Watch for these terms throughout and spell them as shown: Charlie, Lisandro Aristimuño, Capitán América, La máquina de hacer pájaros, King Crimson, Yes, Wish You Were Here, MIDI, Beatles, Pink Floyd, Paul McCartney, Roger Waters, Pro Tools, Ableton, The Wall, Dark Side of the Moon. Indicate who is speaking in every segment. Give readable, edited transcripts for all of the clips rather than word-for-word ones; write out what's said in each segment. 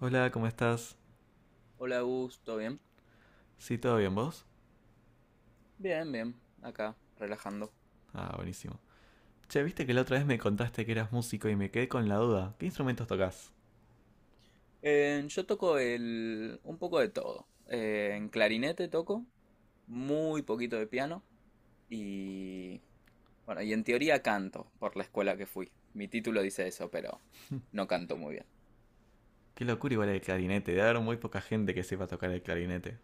Speaker 1: Hola, ¿cómo estás?
Speaker 2: Hola, Gus, ¿todo bien?
Speaker 1: ¿Sí, todo bien vos?
Speaker 2: Bien, bien, acá, relajando.
Speaker 1: Ah, buenísimo. Che, viste que la otra vez me contaste que eras músico y me quedé con la duda. ¿Qué instrumentos tocas?
Speaker 2: Yo toco un poco de todo. En clarinete toco, muy poquito de piano y, bueno, y en teoría canto por la escuela que fui. Mi título dice eso, pero no canto muy bien.
Speaker 1: Qué locura igual el clarinete, debe haber muy poca gente que sepa tocar el clarinete.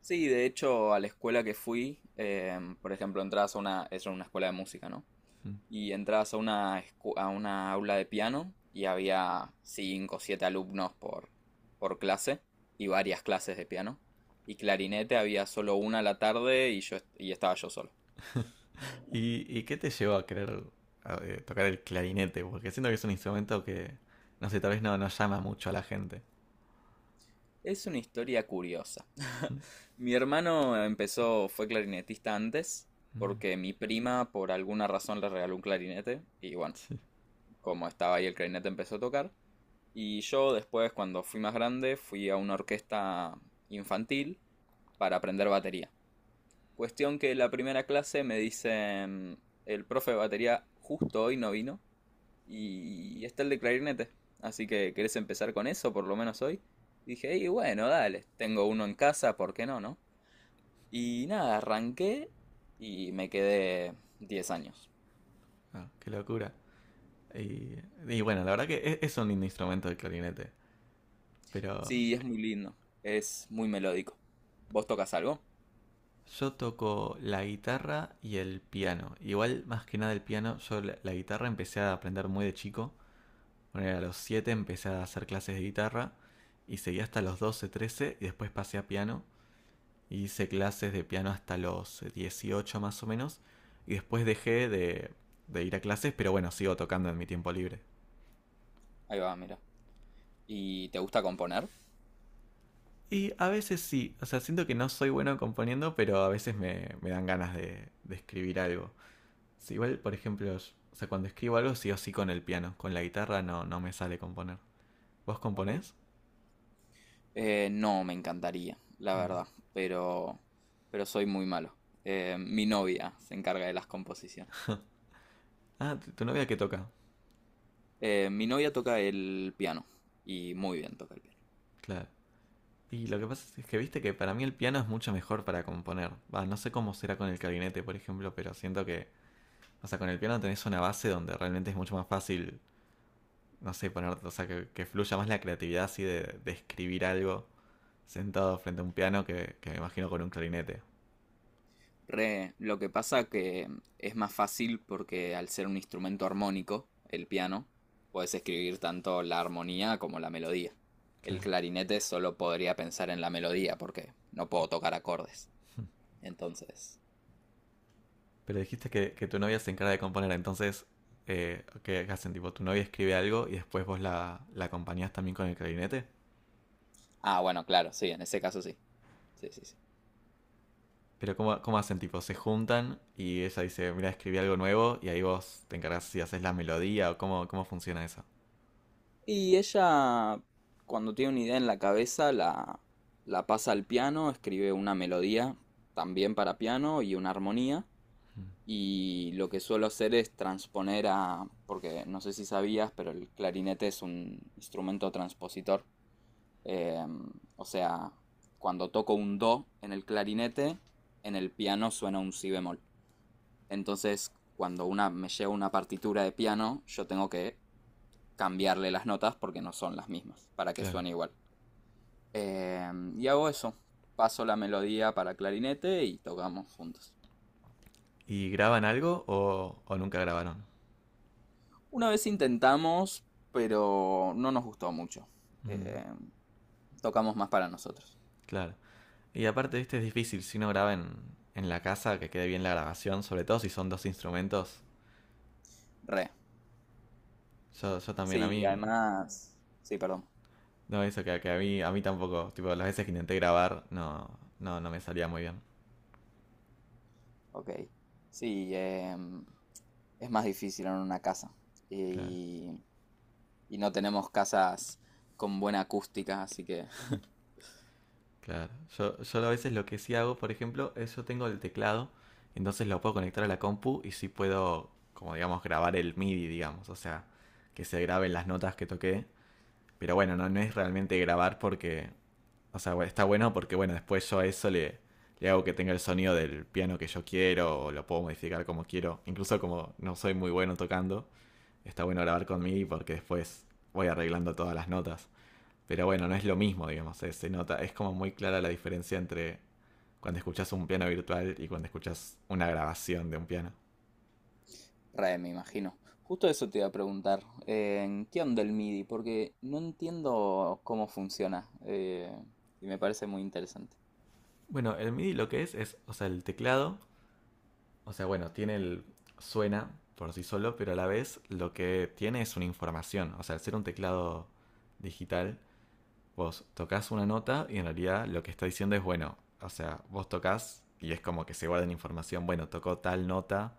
Speaker 2: Sí, de hecho, a la escuela que fui, por ejemplo, entras a una, es una escuela de música, ¿no?
Speaker 1: Mm.
Speaker 2: Y entrabas a una, a una aula de piano y había 5 o 7 alumnos por clase y varias clases de piano. Y clarinete había solo una a la tarde y y estaba yo solo.
Speaker 1: ¿Y qué te llevó a querer tocar el clarinete? Porque siento que es un instrumento que, no sé, tal vez no llama mucho a la gente.
Speaker 2: Es una historia curiosa.
Speaker 1: Mm.
Speaker 2: Mi hermano empezó, fue clarinetista antes,
Speaker 1: Mm.
Speaker 2: porque mi prima por alguna razón le regaló un clarinete y bueno,
Speaker 1: Sí.
Speaker 2: como estaba ahí el clarinete empezó a tocar. Y yo después, cuando fui más grande, fui a una orquesta infantil para aprender batería. Cuestión que la primera clase me dicen, el profe de batería justo hoy no vino y está el de clarinete. Así que, ¿querés empezar con eso por lo menos hoy? Dije, y bueno, dale, tengo uno en casa, ¿por qué no, no? Y nada, arranqué y me quedé 10 años.
Speaker 1: Ah, qué locura. Y, y bueno, la verdad que es un lindo instrumento el clarinete, pero.
Speaker 2: Sí, es muy lindo, es muy melódico. ¿Vos tocas algo?
Speaker 1: Yo toco la guitarra y el piano. Igual, más que nada el piano, yo la guitarra empecé a aprender muy de chico. Bueno, a los 7 empecé a hacer clases de guitarra y seguí hasta los 12, 13 y después pasé a piano. Y hice clases de piano hasta los 18 más o menos. Y después dejé de ir a clases, pero bueno, sigo tocando en mi tiempo libre.
Speaker 2: Ahí va, mira. ¿Y te gusta componer?
Speaker 1: Y a veces sí, o sea, siento que no soy bueno componiendo, pero a veces me dan ganas de escribir algo. Sí, igual, por ejemplo, o sea, cuando escribo algo sí o sí con el piano. Con la guitarra no me sale componer. ¿Vos
Speaker 2: Ok.
Speaker 1: componés?
Speaker 2: No, me encantaría, la
Speaker 1: Mm.
Speaker 2: verdad, pero, pero soy muy malo. Mi novia se encarga de las composiciones.
Speaker 1: Ah, tu novia que toca.
Speaker 2: Mi novia toca el piano y muy bien toca el piano.
Speaker 1: Claro. Y
Speaker 2: Sí.
Speaker 1: lo que pasa es que viste que para mí el piano es mucho mejor para componer. Va, no sé cómo será con el clarinete, por ejemplo, pero siento que, o sea, con el piano tenés una base donde realmente es mucho más fácil, no sé, poner, o sea, que, fluya más la creatividad así de escribir algo sentado frente a un piano que me imagino con un clarinete.
Speaker 2: Lo que pasa que es más fácil porque al ser un instrumento armónico, el piano, puedes escribir tanto la armonía como la melodía. El
Speaker 1: Claro.
Speaker 2: clarinete solo podría pensar en la melodía porque no puedo tocar acordes. Entonces…
Speaker 1: Pero dijiste que tu novia se encarga de componer, entonces, ¿qué hacen? Tipo, tu novia escribe algo y después vos la acompañás también con el clarinete.
Speaker 2: Ah, bueno, claro, sí, en ese caso sí. Sí, sí, sí.
Speaker 1: Pero ¿cómo hacen? Tipo, se juntan y ella dice, mira, escribí algo nuevo y ahí vos te encargás si haces la melodía o cómo funciona eso.
Speaker 2: Y ella, cuando tiene una idea en la cabeza, la pasa al piano, escribe una melodía también para piano y una armonía.
Speaker 1: Mm,
Speaker 2: Y lo que suelo hacer es transponer a, porque no sé si sabías, pero el clarinete es un instrumento transpositor. Eh, o sea, cuando toco un do en el clarinete, en el piano suena un si bemol. Entonces, cuando una me llega una partitura de piano, yo tengo que cambiarle las notas porque no son las mismas, para que
Speaker 1: claro.
Speaker 2: suene igual. Eh, y hago eso, paso la melodía para clarinete y tocamos juntos.
Speaker 1: ¿Y graban algo o nunca grabaron?
Speaker 2: Una vez intentamos, pero no nos gustó mucho.
Speaker 1: Mm,
Speaker 2: Eh, tocamos más para nosotros.
Speaker 1: claro. Y aparte, viste, es difícil si uno graba en la casa que quede bien la grabación, sobre todo si son dos instrumentos.
Speaker 2: Re.
Speaker 1: Yo también, a
Speaker 2: Sí,
Speaker 1: mí.
Speaker 2: además… Sí, perdón.
Speaker 1: No, eso que a mí tampoco. Tipo, las veces que intenté grabar, no me salía muy bien.
Speaker 2: Ok. Sí, es más difícil en una casa.
Speaker 1: Claro,
Speaker 2: Y, y no tenemos casas con buena acústica, así que
Speaker 1: claro. Yo a veces lo que sí hago, por ejemplo, es yo tengo el teclado, entonces lo puedo conectar a la compu y sí puedo, como digamos, grabar el MIDI, digamos. O sea, que se graben las notas que toqué. Pero bueno, no es realmente grabar porque, o sea, bueno, está bueno porque, bueno, después yo a eso le hago que tenga el sonido del piano que yo quiero o lo puedo modificar como quiero. Incluso como no soy muy bueno tocando está bueno grabar con MIDI porque después voy arreglando todas las notas. Pero bueno, no es lo mismo, digamos, se nota, es como muy clara la diferencia entre cuando escuchas un piano virtual y cuando escuchas una grabación de un piano.
Speaker 2: re, me imagino. Justo eso te iba a preguntar. ¿Qué onda el MIDI? Porque no entiendo cómo funciona. Y me parece muy interesante.
Speaker 1: Bueno, el MIDI lo que es, o sea, el teclado, o sea, bueno, tiene el suena por sí solo, pero a la vez lo que tiene es una información, o sea, al ser un teclado digital, vos tocas una nota y en realidad lo que está diciendo es, bueno, o sea, vos tocas y es como que se guarda en información, bueno, tocó tal nota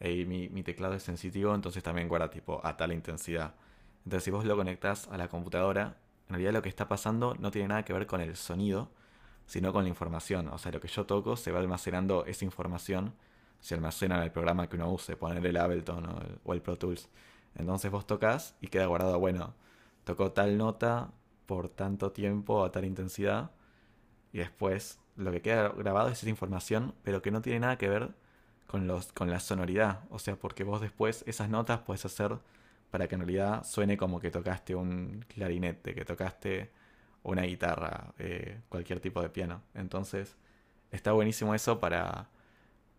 Speaker 1: y mi teclado es sensitivo, entonces también guarda tipo a tal intensidad. Entonces si vos lo conectás a la computadora, en realidad lo que está pasando no tiene nada que ver con el sonido, sino con la información. O sea, lo que yo toco se va almacenando esa información, se almacena en el programa que uno use, poner el Ableton o el Pro Tools. Entonces vos tocas y queda guardado, bueno, tocó tal nota por tanto tiempo a tal intensidad y después lo que queda grabado es esa información, pero que no tiene nada que ver con la sonoridad. O sea, porque vos después esas notas puedes hacer para que en realidad suene como que tocaste un clarinete, que tocaste una guitarra, cualquier tipo de piano. Entonces, está buenísimo eso para,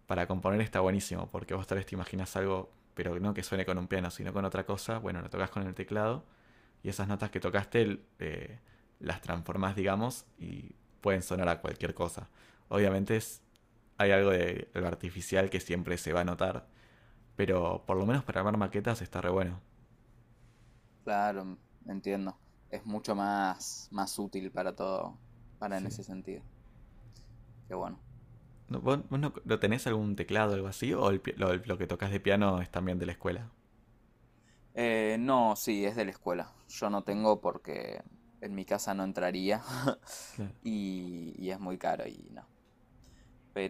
Speaker 1: para componer, está buenísimo, porque vos tal vez te imaginas algo, pero no que suene con un piano, sino con otra cosa. Bueno, lo tocas con el teclado y esas notas que tocaste las transformas, digamos, y pueden sonar a cualquier cosa. Obviamente hay algo de lo artificial que siempre se va a notar, pero por lo menos para armar maquetas está re bueno.
Speaker 2: Claro, entiendo. Es mucho más, más útil para todo, para en
Speaker 1: Sí.
Speaker 2: ese sentido. Qué bueno.
Speaker 1: ¿No, ¿Vos, vos no, ¿no tenés algún teclado o algo así? ¿O lo que tocas de piano es también de la escuela?
Speaker 2: No, sí, es de la escuela. Yo no tengo porque en mi casa no entraría.
Speaker 1: Claro,
Speaker 2: Y, y es muy caro y no.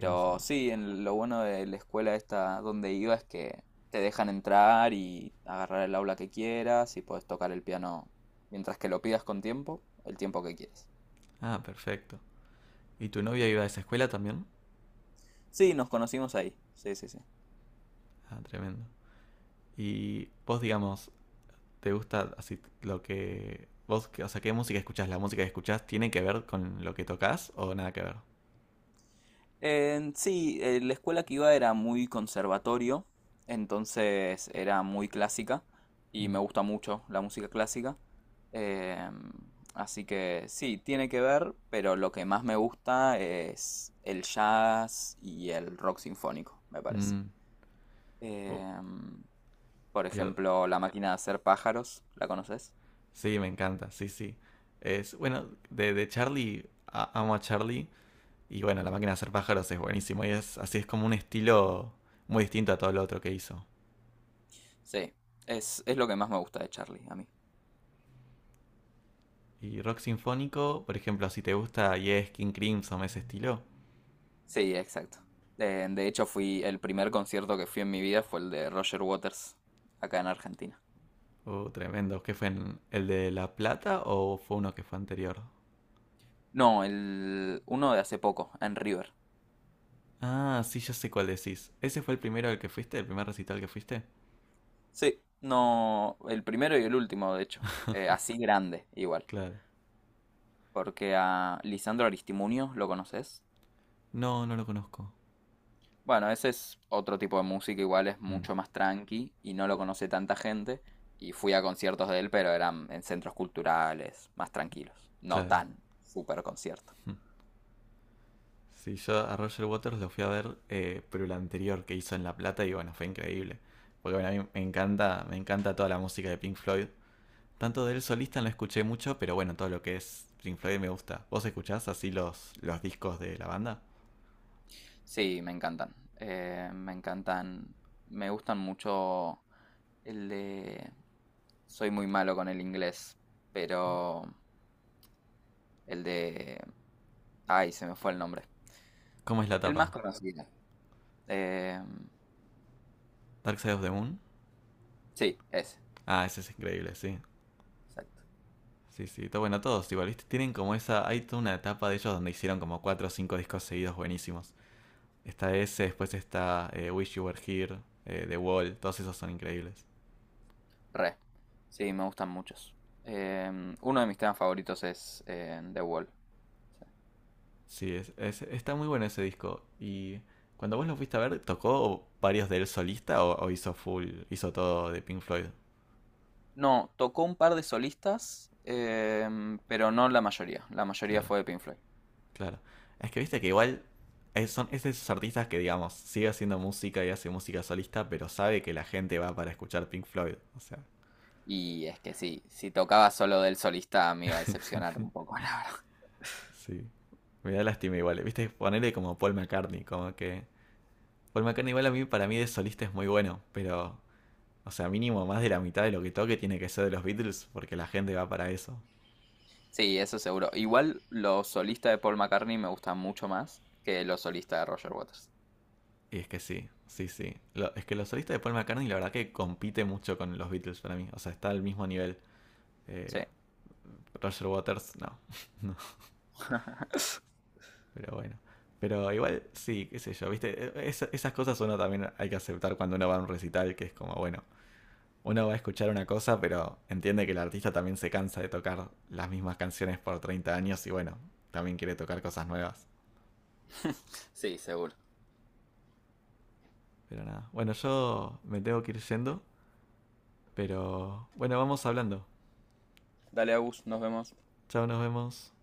Speaker 1: no sé.
Speaker 2: sí, en lo bueno de la escuela esta donde iba es que te dejan entrar y agarrar el aula que quieras y puedes tocar el piano mientras que lo pidas con tiempo, el tiempo que quieras.
Speaker 1: Ah, perfecto. ¿Y tu novia iba a esa escuela también?
Speaker 2: Sí, nos conocimos ahí. Sí, sí, sí.
Speaker 1: Ah, tremendo. ¿Y vos, digamos, te gusta así lo que vos, o sea, qué música escuchás? ¿La música que escuchás tiene que ver con lo que tocas o nada que ver?
Speaker 2: En sí, la escuela que iba era muy conservatorio, entonces era muy clásica y
Speaker 1: Mm.
Speaker 2: me gusta mucho la música clásica. em, Así que sí, tiene que ver, pero lo que más me gusta es el jazz y el rock sinfónico, me parece.
Speaker 1: Mm. Uh,
Speaker 2: Em, por
Speaker 1: yo-
Speaker 2: ejemplo, La máquina de hacer pájaros, ¿la conoces?
Speaker 1: sí, me encanta, sí, sí. Es, bueno, de Charlie, amo a Charlie. Y bueno, La máquina de hacer pájaros es buenísimo. Y es así, es como un estilo muy distinto a todo lo otro que hizo.
Speaker 2: Sí, es lo que más me gusta de Charlie, a mí.
Speaker 1: Y rock sinfónico, por ejemplo, si te gusta Yes, King Crimson, ese estilo.
Speaker 2: Sí, exacto. De hecho, fui, el primer concierto que fui en mi vida fue el de Roger Waters, acá en Argentina.
Speaker 1: Tremendo. ¿Qué fue? ¿El de La Plata o fue uno que fue anterior?
Speaker 2: No, el uno de hace poco, en River.
Speaker 1: Ah, sí, ya sé cuál decís. ¿Ese fue el primero al que fuiste? ¿El primer recital que fuiste?
Speaker 2: Sí, no, el primero y el último, de hecho. Así grande, igual.
Speaker 1: Claro.
Speaker 2: Porque a Lisandro Aristimuño, ¿lo conoces?
Speaker 1: No, no lo conozco.
Speaker 2: Bueno, ese es otro tipo de música, igual es
Speaker 1: Mm,
Speaker 2: mucho más tranqui y no lo conoce tanta gente. Y fui a conciertos de él, pero eran en centros culturales, más tranquilos. No
Speaker 1: claro.
Speaker 2: tan super concierto.
Speaker 1: Mm. Sí, yo a Roger Waters lo fui a ver, pero el anterior que hizo en La Plata y bueno, fue increíble. Porque bueno, a mí me encanta toda la música de Pink Floyd. Tanto de él solista no escuché mucho, pero bueno, todo lo que es Pink Floyd me gusta. ¿Vos escuchás así los discos de la banda?
Speaker 2: Sí, me encantan. Me encantan. Me gustan mucho el de… Soy muy malo con el inglés, pero el de… Ay, se me fue el nombre.
Speaker 1: ¿Cómo es la
Speaker 2: El más
Speaker 1: tapa?
Speaker 2: conocido. Eh,
Speaker 1: ¿Dark Side of the Moon?
Speaker 2: sí, ese.
Speaker 1: Ah, ese es increíble, sí.
Speaker 2: Exacto.
Speaker 1: Sí, sí, está bueno, todos igual, ¿viste? Tienen como esa, hay toda una etapa de ellos donde hicieron como cuatro o cinco discos seguidos buenísimos. Está ese, después está Wish You Were Here, The Wall, todos esos son increíbles.
Speaker 2: Re. Sí, me gustan muchos. Uno de mis temas favoritos es The Wall. Sí.
Speaker 1: Sí, está muy bueno ese disco. Y cuando vos lo fuiste a ver, ¿tocó varios de él solista o hizo todo de Pink Floyd?
Speaker 2: No, tocó un par de solistas, pero no la mayoría. La mayoría
Speaker 1: Claro,
Speaker 2: fue de Pink Floyd.
Speaker 1: claro. Es que viste que igual es de esos artistas que, digamos, sigue haciendo música y hace música solista, pero sabe que la gente va para escuchar Pink Floyd. O sea,
Speaker 2: Y es que sí, si tocaba solo del solista me iba a decepcionar un poco, la verdad.
Speaker 1: Sí. Me da lástima igual. Viste, ponerle como Paul McCartney, como que. Paul McCartney igual a mí, para mí de solista es muy bueno, pero. O sea, mínimo más de la mitad de lo que toque tiene que ser de los Beatles, porque la gente va para eso.
Speaker 2: Sí, eso seguro. Igual los solistas de Paul McCartney me gustan mucho más que los solistas de Roger Waters.
Speaker 1: Y es que sí, sí, sí. Es que los solistas de Paul McCartney la verdad que compite mucho con los Beatles para mí. O sea, está al mismo nivel.
Speaker 2: Sí.
Speaker 1: Eh, Roger Waters, no. no. Pero bueno. Pero igual, sí, qué sé yo, viste, esas cosas uno también hay que aceptar cuando uno va a un recital, que es como, bueno, uno va a escuchar una cosa, pero entiende que el artista también se cansa de tocar las mismas canciones por 30 años y bueno, también quiere tocar cosas nuevas.
Speaker 2: Sí, seguro.
Speaker 1: Pero nada. Bueno, yo me tengo que ir yendo, pero bueno, vamos hablando.
Speaker 2: Dale, Agus, nos vemos.
Speaker 1: Chao, nos vemos.